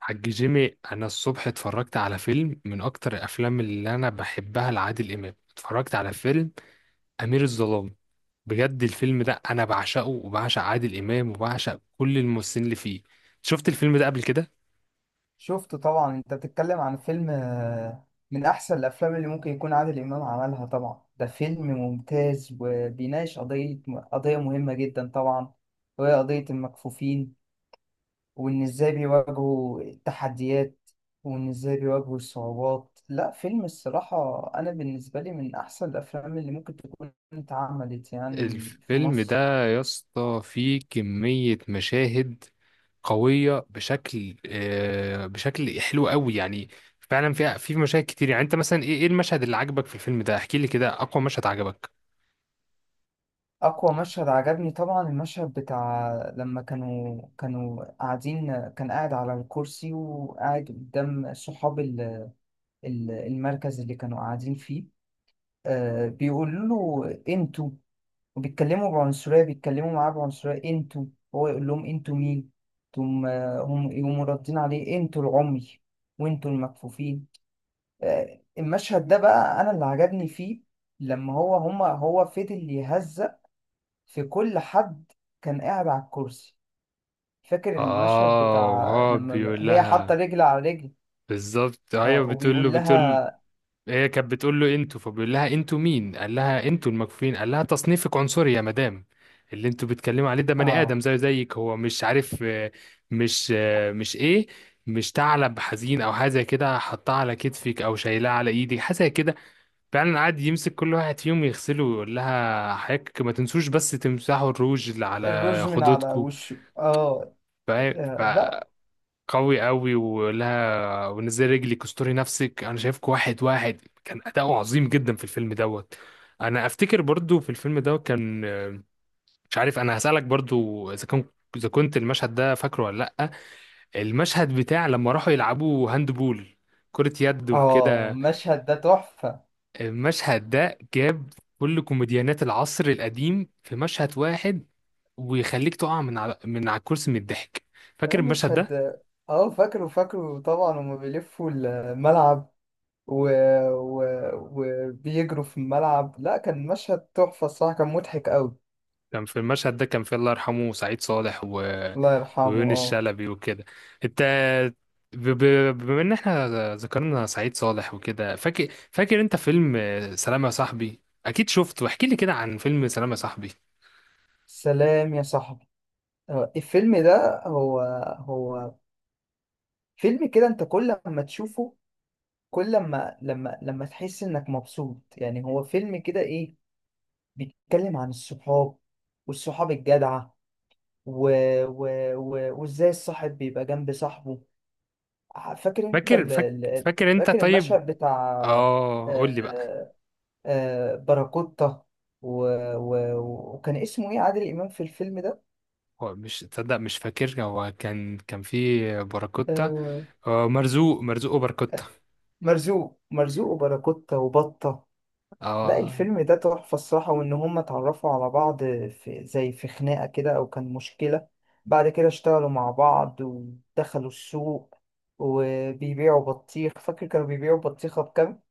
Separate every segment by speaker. Speaker 1: حاج جيمي، انا الصبح اتفرجت على فيلم من اكتر الافلام اللي انا بحبها لعادل امام. اتفرجت على فيلم امير الظلام. بجد الفيلم ده انا بعشقه، وبعشق عادل امام، وبعشق كل الممثلين اللي فيه. شفت الفيلم ده قبل كده؟
Speaker 2: شفت طبعا، انت بتتكلم عن فيلم. من احسن الافلام اللي ممكن يكون عادل امام عملها. طبعا ده فيلم ممتاز وبيناقش قضية مهمة جدا طبعا، وهي قضية المكفوفين، وان ازاي بيواجهوا التحديات، وان ازاي بيواجهوا الصعوبات. لا، فيلم الصراحة انا بالنسبة لي من احسن الافلام اللي ممكن تكون اتعملت يعني في
Speaker 1: الفيلم ده
Speaker 2: مصر.
Speaker 1: يا اسطى فيه كمية مشاهد قوية بشكل، بشكل حلو قوي يعني. فعلا في مشاهد كتير. يعني انت مثلا ايه المشهد اللي عجبك في الفيلم ده؟ احكي لي كده اقوى مشهد عجبك.
Speaker 2: أقوى مشهد عجبني طبعا المشهد بتاع لما كانوا قاعدين، كان قاعد على الكرسي وقاعد قدام صحاب المركز اللي كانوا قاعدين فيه. آه، بيقولوا له: انتوا، وبيتكلموا بعنصرية، بيتكلموا معاه بعنصرية: انتوا. هو يقول لهم: انتوا مين؟ تم، هم يقوموا ردين عليه: انتوا العمي وانتوا المكفوفين. آه، المشهد ده بقى أنا اللي عجبني فيه، لما هو فضل يهزأ في كل حد، كان قاعد على الكرسي. فاكر المشهد
Speaker 1: اه،
Speaker 2: بتاع
Speaker 1: وهو
Speaker 2: لما
Speaker 1: بيقول
Speaker 2: هي حاطة
Speaker 1: لها
Speaker 2: رجل على رجل.
Speaker 1: بالظبط. هي
Speaker 2: اه،
Speaker 1: بتقول له،
Speaker 2: وبيقول
Speaker 1: بتقول.
Speaker 2: لها.
Speaker 1: هي كانت بتقول له انتوا، فبيقول لها انتوا مين؟ قال لها انتوا المكفوفين. قال لها تصنيفك عنصري يا مدام، اللي انتوا بتتكلموا عليه ده بني
Speaker 2: اه،
Speaker 1: ادم زيه زيك، هو مش عارف مش مش ثعلب حزين او حاجه زي كده، حطها على كتفك او شايلها على ايدك حاجه زي كده. فعلا قعد يمسك كل واحد فيهم يغسله ويقول لها حضرتك ما تنسوش بس تمسحوا الروج اللي على
Speaker 2: الروج من على
Speaker 1: خدودكم.
Speaker 2: وشه. اه.
Speaker 1: ف... ف...
Speaker 2: لا.
Speaker 1: قوي قوي ولها، ونزل رجلك، استوري نفسك، انا شايفك. واحد واحد كان اداؤه عظيم جدا في الفيلم دوت. انا افتكر برضو في الفيلم دوت كان، مش عارف، انا هسألك برضو اذا كنت المشهد ده فاكره ولا لا؟ المشهد بتاع لما راحوا يلعبوا هاند بول، كرة يد
Speaker 2: اه،
Speaker 1: وكده.
Speaker 2: المشهد ده تحفة.
Speaker 1: المشهد ده جاب كل كوميديانات العصر القديم في مشهد واحد، ويخليك تقع من على الكرسي من الضحك. فاكر المشهد ده؟
Speaker 2: المشهد، اه، فاكره، فاكره طبعا. هما بيلفوا الملعب و... و... وبيجروا في الملعب. لا، كان مشهد تحفة الصراحة، كان مضحك قوي.
Speaker 1: كان في المشهد ده، كان في الله يرحمه سعيد صالح، و...
Speaker 2: الله يرحمه،
Speaker 1: ويونس
Speaker 2: اه.
Speaker 1: شلبي وكده. انت، ب... ب... بما ان احنا ذكرنا سعيد صالح وكده، فاكر انت فيلم سلام يا صاحبي؟ اكيد شفته. احكي لي كده عن فيلم سلام يا صاحبي.
Speaker 2: سلام يا صاحبي. الفيلم ده هو فيلم كده، انت كل ما تشوفه، كل ما لما تحس انك مبسوط، يعني هو فيلم كده، ايه، بيتكلم عن الصحاب والصحاب الجدعة و... و... وازاي الصاحب بيبقى جنب صاحبه. فاكر انت
Speaker 1: فاكر فاك... فاكر انت
Speaker 2: فاكر
Speaker 1: طيب؟
Speaker 2: المشهد بتاع.
Speaker 1: اه، قول لي بقى.
Speaker 2: آه، آه، باراكوتا، و... و... وكان اسمه ايه عادل امام في الفيلم ده؟
Speaker 1: هو مش تصدق، مش فاكر، هو كان في باراكوتا.
Speaker 2: آه،
Speaker 1: مرزوق مرزوق وباراكوتا.
Speaker 2: مرزوق، مرزوق وباراكوتا وبطة. لا،
Speaker 1: اه،
Speaker 2: الفيلم ده تحفة الصراحة، وإن هما اتعرفوا على بعض في زي في خناقة كده أو كان مشكلة، بعد كده اشتغلوا مع بعض ودخلوا السوق وبيبيعوا بطيخ. فاكر كانوا بيبيعوا بطيخة بكام؟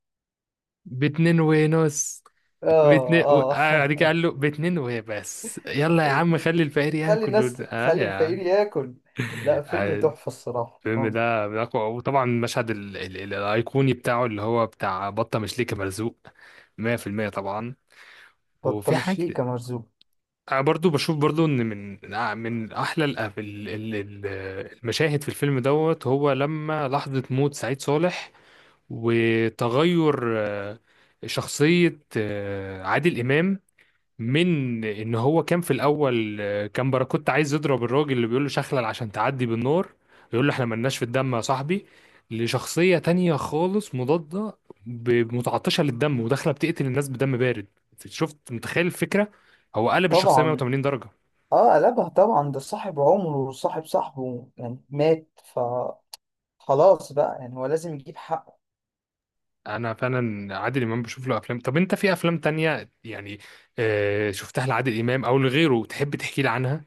Speaker 1: باتنين ونص.
Speaker 2: آه.
Speaker 1: باتنين و...
Speaker 2: آه.
Speaker 1: بعد كده قال له باتنين وبس، يلا يا عم
Speaker 2: واتنين،
Speaker 1: خلي الفقير
Speaker 2: خلي
Speaker 1: ياكل،
Speaker 2: الناس،
Speaker 1: اه
Speaker 2: خلي
Speaker 1: يا
Speaker 2: الفقير
Speaker 1: عم.
Speaker 2: ياكل. لا، فيلم
Speaker 1: آه،
Speaker 2: تحفة الصراحة،
Speaker 1: الفيلم
Speaker 2: آه.
Speaker 1: ده من أقوى. وطبعا المشهد الايقوني بتاعه اللي هو بتاع "بطه مش ليكي مرزوق". 100% طبعا.
Speaker 2: بطة
Speaker 1: وفي
Speaker 2: مش ليكة
Speaker 1: حاجه،
Speaker 2: مرزوق.
Speaker 1: أنا برضو بشوف برضو ان من، من احلى ال... ال- المشاهد في الفيلم دوت، هو لما لحظه موت سعيد صالح، وتغير شخصية عادل إمام، من ان هو كان في الاول، كان باراكوتا عايز يضرب الراجل اللي بيقول له "شخلل عشان تعدي بالنار"، يقول له "احنا ملناش في الدم يا صاحبي"، لشخصية تانية خالص مضادة، متعطشة للدم، وداخلة بتقتل الناس بدم بارد. شفت؟ متخيل الفكرة؟ هو قلب الشخصية
Speaker 2: طبعا.
Speaker 1: 180 درجة.
Speaker 2: آه، قلبها طبعا، ده صاحب عمره وصاحب صاحبه يعني مات، فخلاص بقى يعني هو لازم يجيب حقه.
Speaker 1: انا فعلا عادل امام بشوف له افلام. طب انت في افلام تانية يعني شفتها لعادل امام او لغيره تحب تحكي لي عنها؟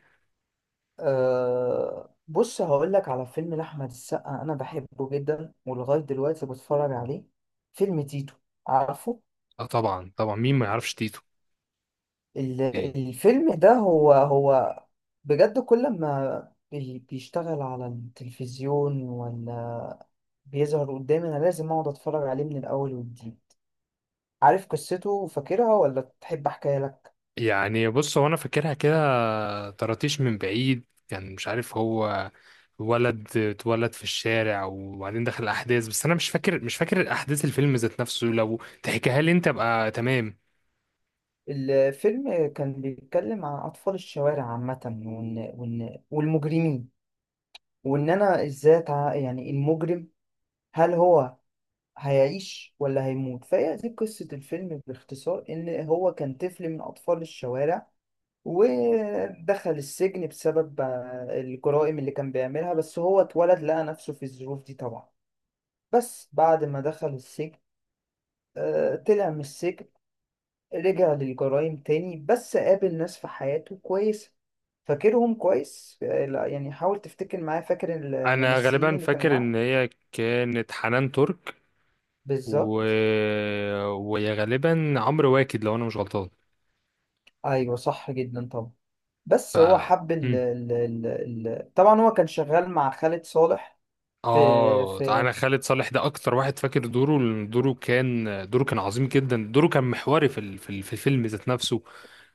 Speaker 2: أه، بص، هقول لك على فيلم لأحمد السقا، أنا بحبه جدا ولغاية دلوقتي بتفرج عليه. فيلم تيتو، عارفه.
Speaker 1: اه، طبعا طبعا، مين ما يعرفش تيتو.
Speaker 2: ال-
Speaker 1: إيه؟
Speaker 2: الفيلم ده هو بجد، كل ما بيشتغل على التلفزيون ولا بيظهر قدامي أنا لازم أقعد أتفرج عليه من الأول والجديد. عارف قصته وفاكرها ولا تحب أحكيها لك؟
Speaker 1: يعني بص، هو انا فاكرها كده. طرطيش من بعيد، كان مش عارف هو ولد اتولد في الشارع، وبعدين دخل الاحداث. بس انا مش فاكر احداث الفيلم ذات نفسه. لو تحكيها لي انت ابقى تمام.
Speaker 2: الفيلم كان بيتكلم عن أطفال الشوارع عامة، وإن والمجرمين، وان انا ازاي يعني المجرم، هل هو هيعيش ولا هيموت؟ فهي دي قصة الفيلم باختصار، إن هو كان طفل من أطفال الشوارع ودخل السجن بسبب الجرائم اللي كان بيعملها. بس هو اتولد، لقى نفسه في الظروف دي طبعا. بس بعد ما دخل السجن، طلع من السجن، رجع للجرائم تاني، بس قابل ناس في حياته كويسة. فاكرهم كويس؟ لا، يعني حاول تفتكر معايا. فاكر
Speaker 1: انا
Speaker 2: الممثلين
Speaker 1: غالبا
Speaker 2: اللي كانوا
Speaker 1: فاكر
Speaker 2: معاه؟
Speaker 1: ان هي كانت حنان ترك، و...
Speaker 2: بالظبط.
Speaker 1: ويا غالبا عمرو واكد لو انا مش غلطان.
Speaker 2: ايوه صح، جدا طبعا.
Speaker 1: ف
Speaker 2: بس هو حب ال
Speaker 1: مم.
Speaker 2: ال ال ال طبعا هو كان شغال مع خالد صالح في
Speaker 1: اه
Speaker 2: في.
Speaker 1: انا، خالد صالح ده اكتر واحد فاكر دوره، لأن دوره كان عظيم جدا. دوره كان محوري في الفيلم ذات نفسه.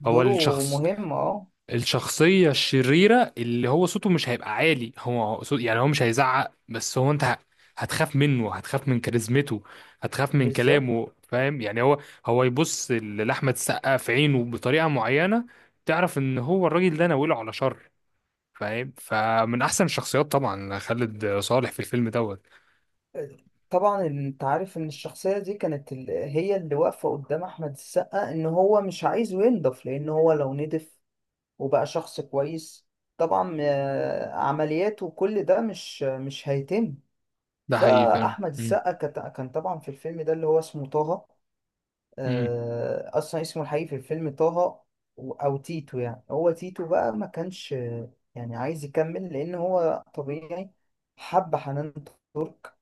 Speaker 1: هو
Speaker 2: دوره
Speaker 1: الشخص
Speaker 2: مهم، اه.
Speaker 1: الشخصية الشريرة، اللي هو صوته مش هيبقى عالي، هو صوت يعني هو مش هيزعق. بس هو انت هتخاف منه، هتخاف من كاريزمته، هتخاف من
Speaker 2: بالظبط.
Speaker 1: كلامه. فاهم يعني؟ هو يبص لأحمد السقا في عينه بطريقة معينة، تعرف ان هو الراجل ده ناوله على شر. فاهم؟ فمن احسن الشخصيات طبعا خالد صالح في الفيلم دوت.
Speaker 2: طبعا انت عارف ان الشخصية دي كانت هي اللي واقفة قدام احمد السقا، ان هو مش عايزه ينضف، لان هو لو نضف وبقى شخص كويس طبعا، عملياته وكل ده مش هيتم.
Speaker 1: ده حقيقي. فاهم؟
Speaker 2: فاحمد
Speaker 1: مم.
Speaker 2: السقا كان طبعا في الفيلم ده اللي هو اسمه طه.
Speaker 1: مم.
Speaker 2: اصلا اسمه الحقيقي في الفيلم طه، او تيتو. يعني هو تيتو بقى ما كانش يعني عايز يكمل، لان هو طبيعي حب حنان ترك،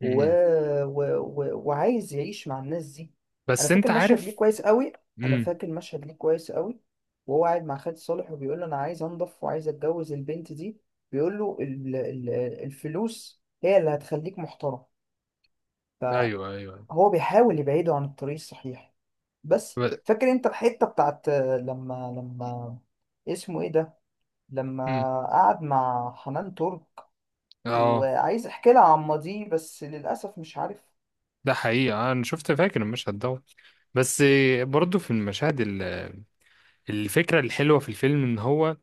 Speaker 2: و...
Speaker 1: مم.
Speaker 2: وعايز يعيش مع الناس دي. انا
Speaker 1: بس
Speaker 2: فاكر
Speaker 1: انت
Speaker 2: مشهد ليه
Speaker 1: عارف.
Speaker 2: كويس قوي. انا
Speaker 1: مم.
Speaker 2: فاكر مشهد ليه كويس قوي، وهو قاعد مع خالد صالح وبيقول له: انا عايز انضف وعايز اتجوز البنت دي. بيقول له: الفلوس هي اللي هتخليك محترم.
Speaker 1: ايوه،
Speaker 2: فهو
Speaker 1: ايوه.
Speaker 2: بيحاول يبعده عن الطريق الصحيح. بس
Speaker 1: ب...
Speaker 2: فاكر انت الحته بتاعت، لما اسمه ايه ده، لما
Speaker 1: مم.
Speaker 2: قعد مع حنان ترك
Speaker 1: اه،
Speaker 2: وعايز احكي لها عن ماضيه، بس للاسف مش عارف.
Speaker 1: ده حقيقة. أنا شفت، فاكر المشهد ده. بس برضه في المشاهد. الفكرة الحلوة في الفيلم إن هو،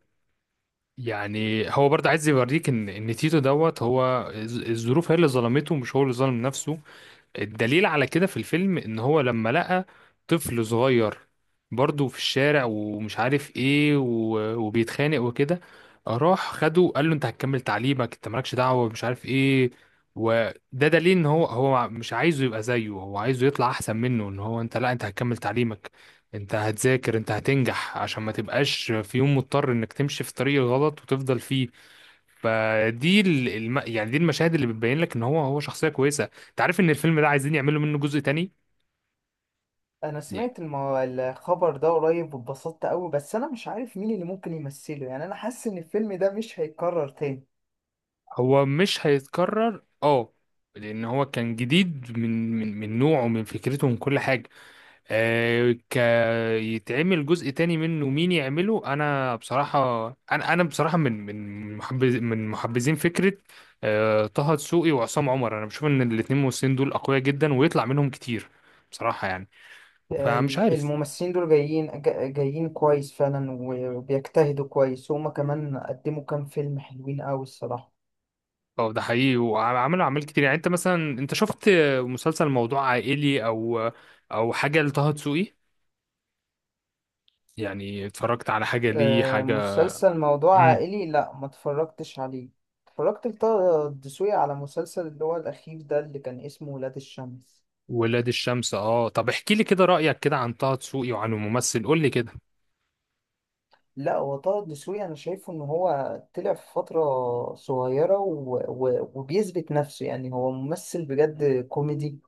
Speaker 1: يعني هو برضه عايز يوريك إن تيتو دوت، هو الظروف هي اللي ظلمته، مش هو اللي ظلم نفسه. الدليل على كده في الفيلم، ان هو لما لقى طفل صغير برضه في الشارع، ومش عارف ايه، وبيتخانق وكده، راح خده قال له انت هتكمل تعليمك، انت مالكش دعوة مش عارف ايه. وده دليل ان هو مش عايزه يبقى زيه، هو عايزه يطلع احسن منه، ان هو انت، لا انت هتكمل تعليمك، انت هتذاكر، انت هتنجح، عشان ما تبقاش في يوم مضطر انك تمشي في طريق غلط وتفضل فيه. فدي يعني دي المشاهد اللي بتبين لك ان هو شخصيه كويسه. انت عارف ان الفيلم ده عايزين يعملوا منه جزء تاني؟
Speaker 2: انا
Speaker 1: يعني
Speaker 2: سمعت الخبر ده قريب واتبسطت قوي، بس انا مش عارف مين اللي ممكن يمثله. يعني انا حاسس ان الفيلم ده مش هيتكرر تاني.
Speaker 1: هو مش هيتكرر، اه. لان هو كان جديد من نوعه، من فكرته، من كل حاجه. آه ك يتعمل جزء تاني منه، مين يعمله؟ انا بصراحه، انا بصراحه من محبذين فكره طه دسوقي وعصام عمر. انا بشوف ان الاثنين ممثلين دول اقوياء جدا، ويطلع منهم كتير بصراحه يعني. فمش عارف.
Speaker 2: الممثلين دول جايين، جايين كويس فعلا، وبيجتهدوا كويس، وهما كمان قدموا كام فيلم حلوين قوي الصراحه.
Speaker 1: اه، ده حقيقي، وعملوا اعمال كتير. يعني انت مثلا، انت شفت مسلسل "موضوع عائلي"، او حاجه لطه دسوقي؟ يعني اتفرجت على حاجه ليه، حاجه؟
Speaker 2: مسلسل موضوع
Speaker 1: امم
Speaker 2: عائلي لا، ما اتفرجتش عليه. اتفرجت لطه الدسوقي على مسلسل اللي هو الأخير ده اللي كان اسمه ولاد الشمس.
Speaker 1: ولاد الشمس. اه، طب احكي لي كده رايك كده عن طه دسوقي وعن الممثل، قول لي كده.
Speaker 2: لا، هو طه الدسوقي أنا شايفه إن هو طلع في فترة صغيرة وبيثبت نفسه، يعني هو ممثل بجد كوميدي،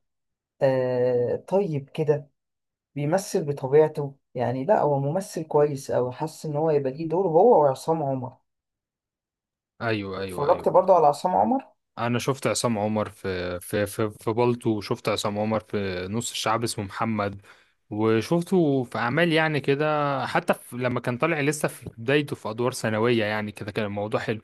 Speaker 2: آه، طيب كده، بيمثل بطبيعته يعني. لا، هو ممثل كويس أوي، حاسس إن هو يبقى ليه دور هو وعصام عمر.
Speaker 1: ايوه، ايوه،
Speaker 2: اتفرجت برضه
Speaker 1: ايوه.
Speaker 2: على عصام عمر.
Speaker 1: انا شفت عصام عمر في "بالطو"، وشفت عصام عمر في "نص الشعب اسمه محمد"، وشفته في اعمال يعني كده. حتى في لما كان طالع لسه في بدايته في ادوار ثانويه يعني كده، كان الموضوع حلو.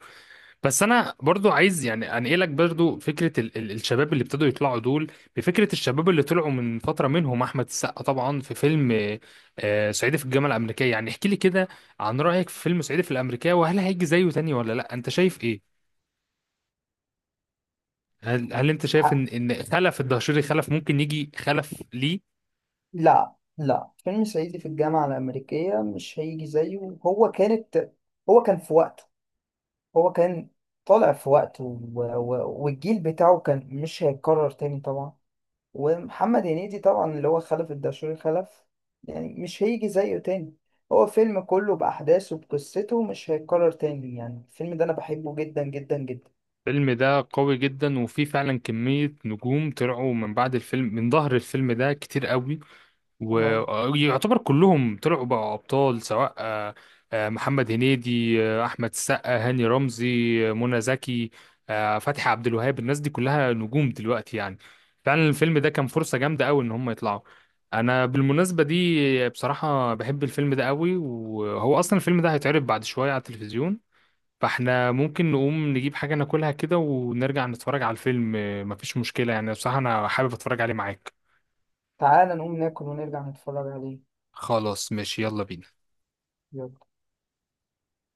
Speaker 1: بس انا برضو عايز يعني انقلك برضو فكره ال الشباب اللي ابتدوا يطلعوا دول. بفكره الشباب اللي طلعوا من فتره، منهم احمد السقا طبعا في فيلم "صعيدي في الجامعه الامريكيه". يعني احكي لي كده عن رايك في فيلم "صعيدي في الامريكيه"، وهل هيجي زيه تاني ولا لا، انت شايف ايه؟ هل انت شايف
Speaker 2: ح-
Speaker 1: ان خلف الدهشوري، خلف ممكن يجي خلف ليه؟
Speaker 2: لا، لا، فيلم صعيدي في الجامعة الأمريكية مش هيجي زيه. هو كانت، هو كان في وقته، هو كان طالع في وقته، والجيل بتاعه كان مش هيتكرر تاني طبعا. ومحمد هنيدي طبعا اللي هو خلف الدشوري خلف، يعني مش هيجي زيه تاني. هو فيلم كله بأحداثه بقصته مش هيتكرر تاني. يعني الفيلم ده أنا بحبه جدا جدا جدا.
Speaker 1: الفيلم ده قوي جدا، وفيه فعلا كميه نجوم طلعوا من بعد الفيلم، من ظهر الفيلم ده كتير قوي.
Speaker 2: اه،
Speaker 1: ويعتبر كلهم طلعوا بقى ابطال، سواء محمد هنيدي، احمد السقا، هاني رمزي، منى زكي، فتحي عبد الوهاب. الناس دي كلها نجوم دلوقتي يعني. فعلا الفيلم ده كان فرصة جامدة قوي ان هم يطلعوا. انا بالمناسبة دي بصراحة بحب الفيلم ده قوي، وهو اصلا الفيلم ده هيتعرض بعد شوية على التلفزيون. فاحنا ممكن نقوم نجيب حاجة ناكلها كده ونرجع نتفرج على الفيلم. مفيش مشكلة يعني، بصراحة انا حابب اتفرج عليه معاك.
Speaker 2: تعالى نقوم ناكل ونرجع نتفرج عليه.
Speaker 1: خلاص، ماشي، يلا بينا.
Speaker 2: يلا.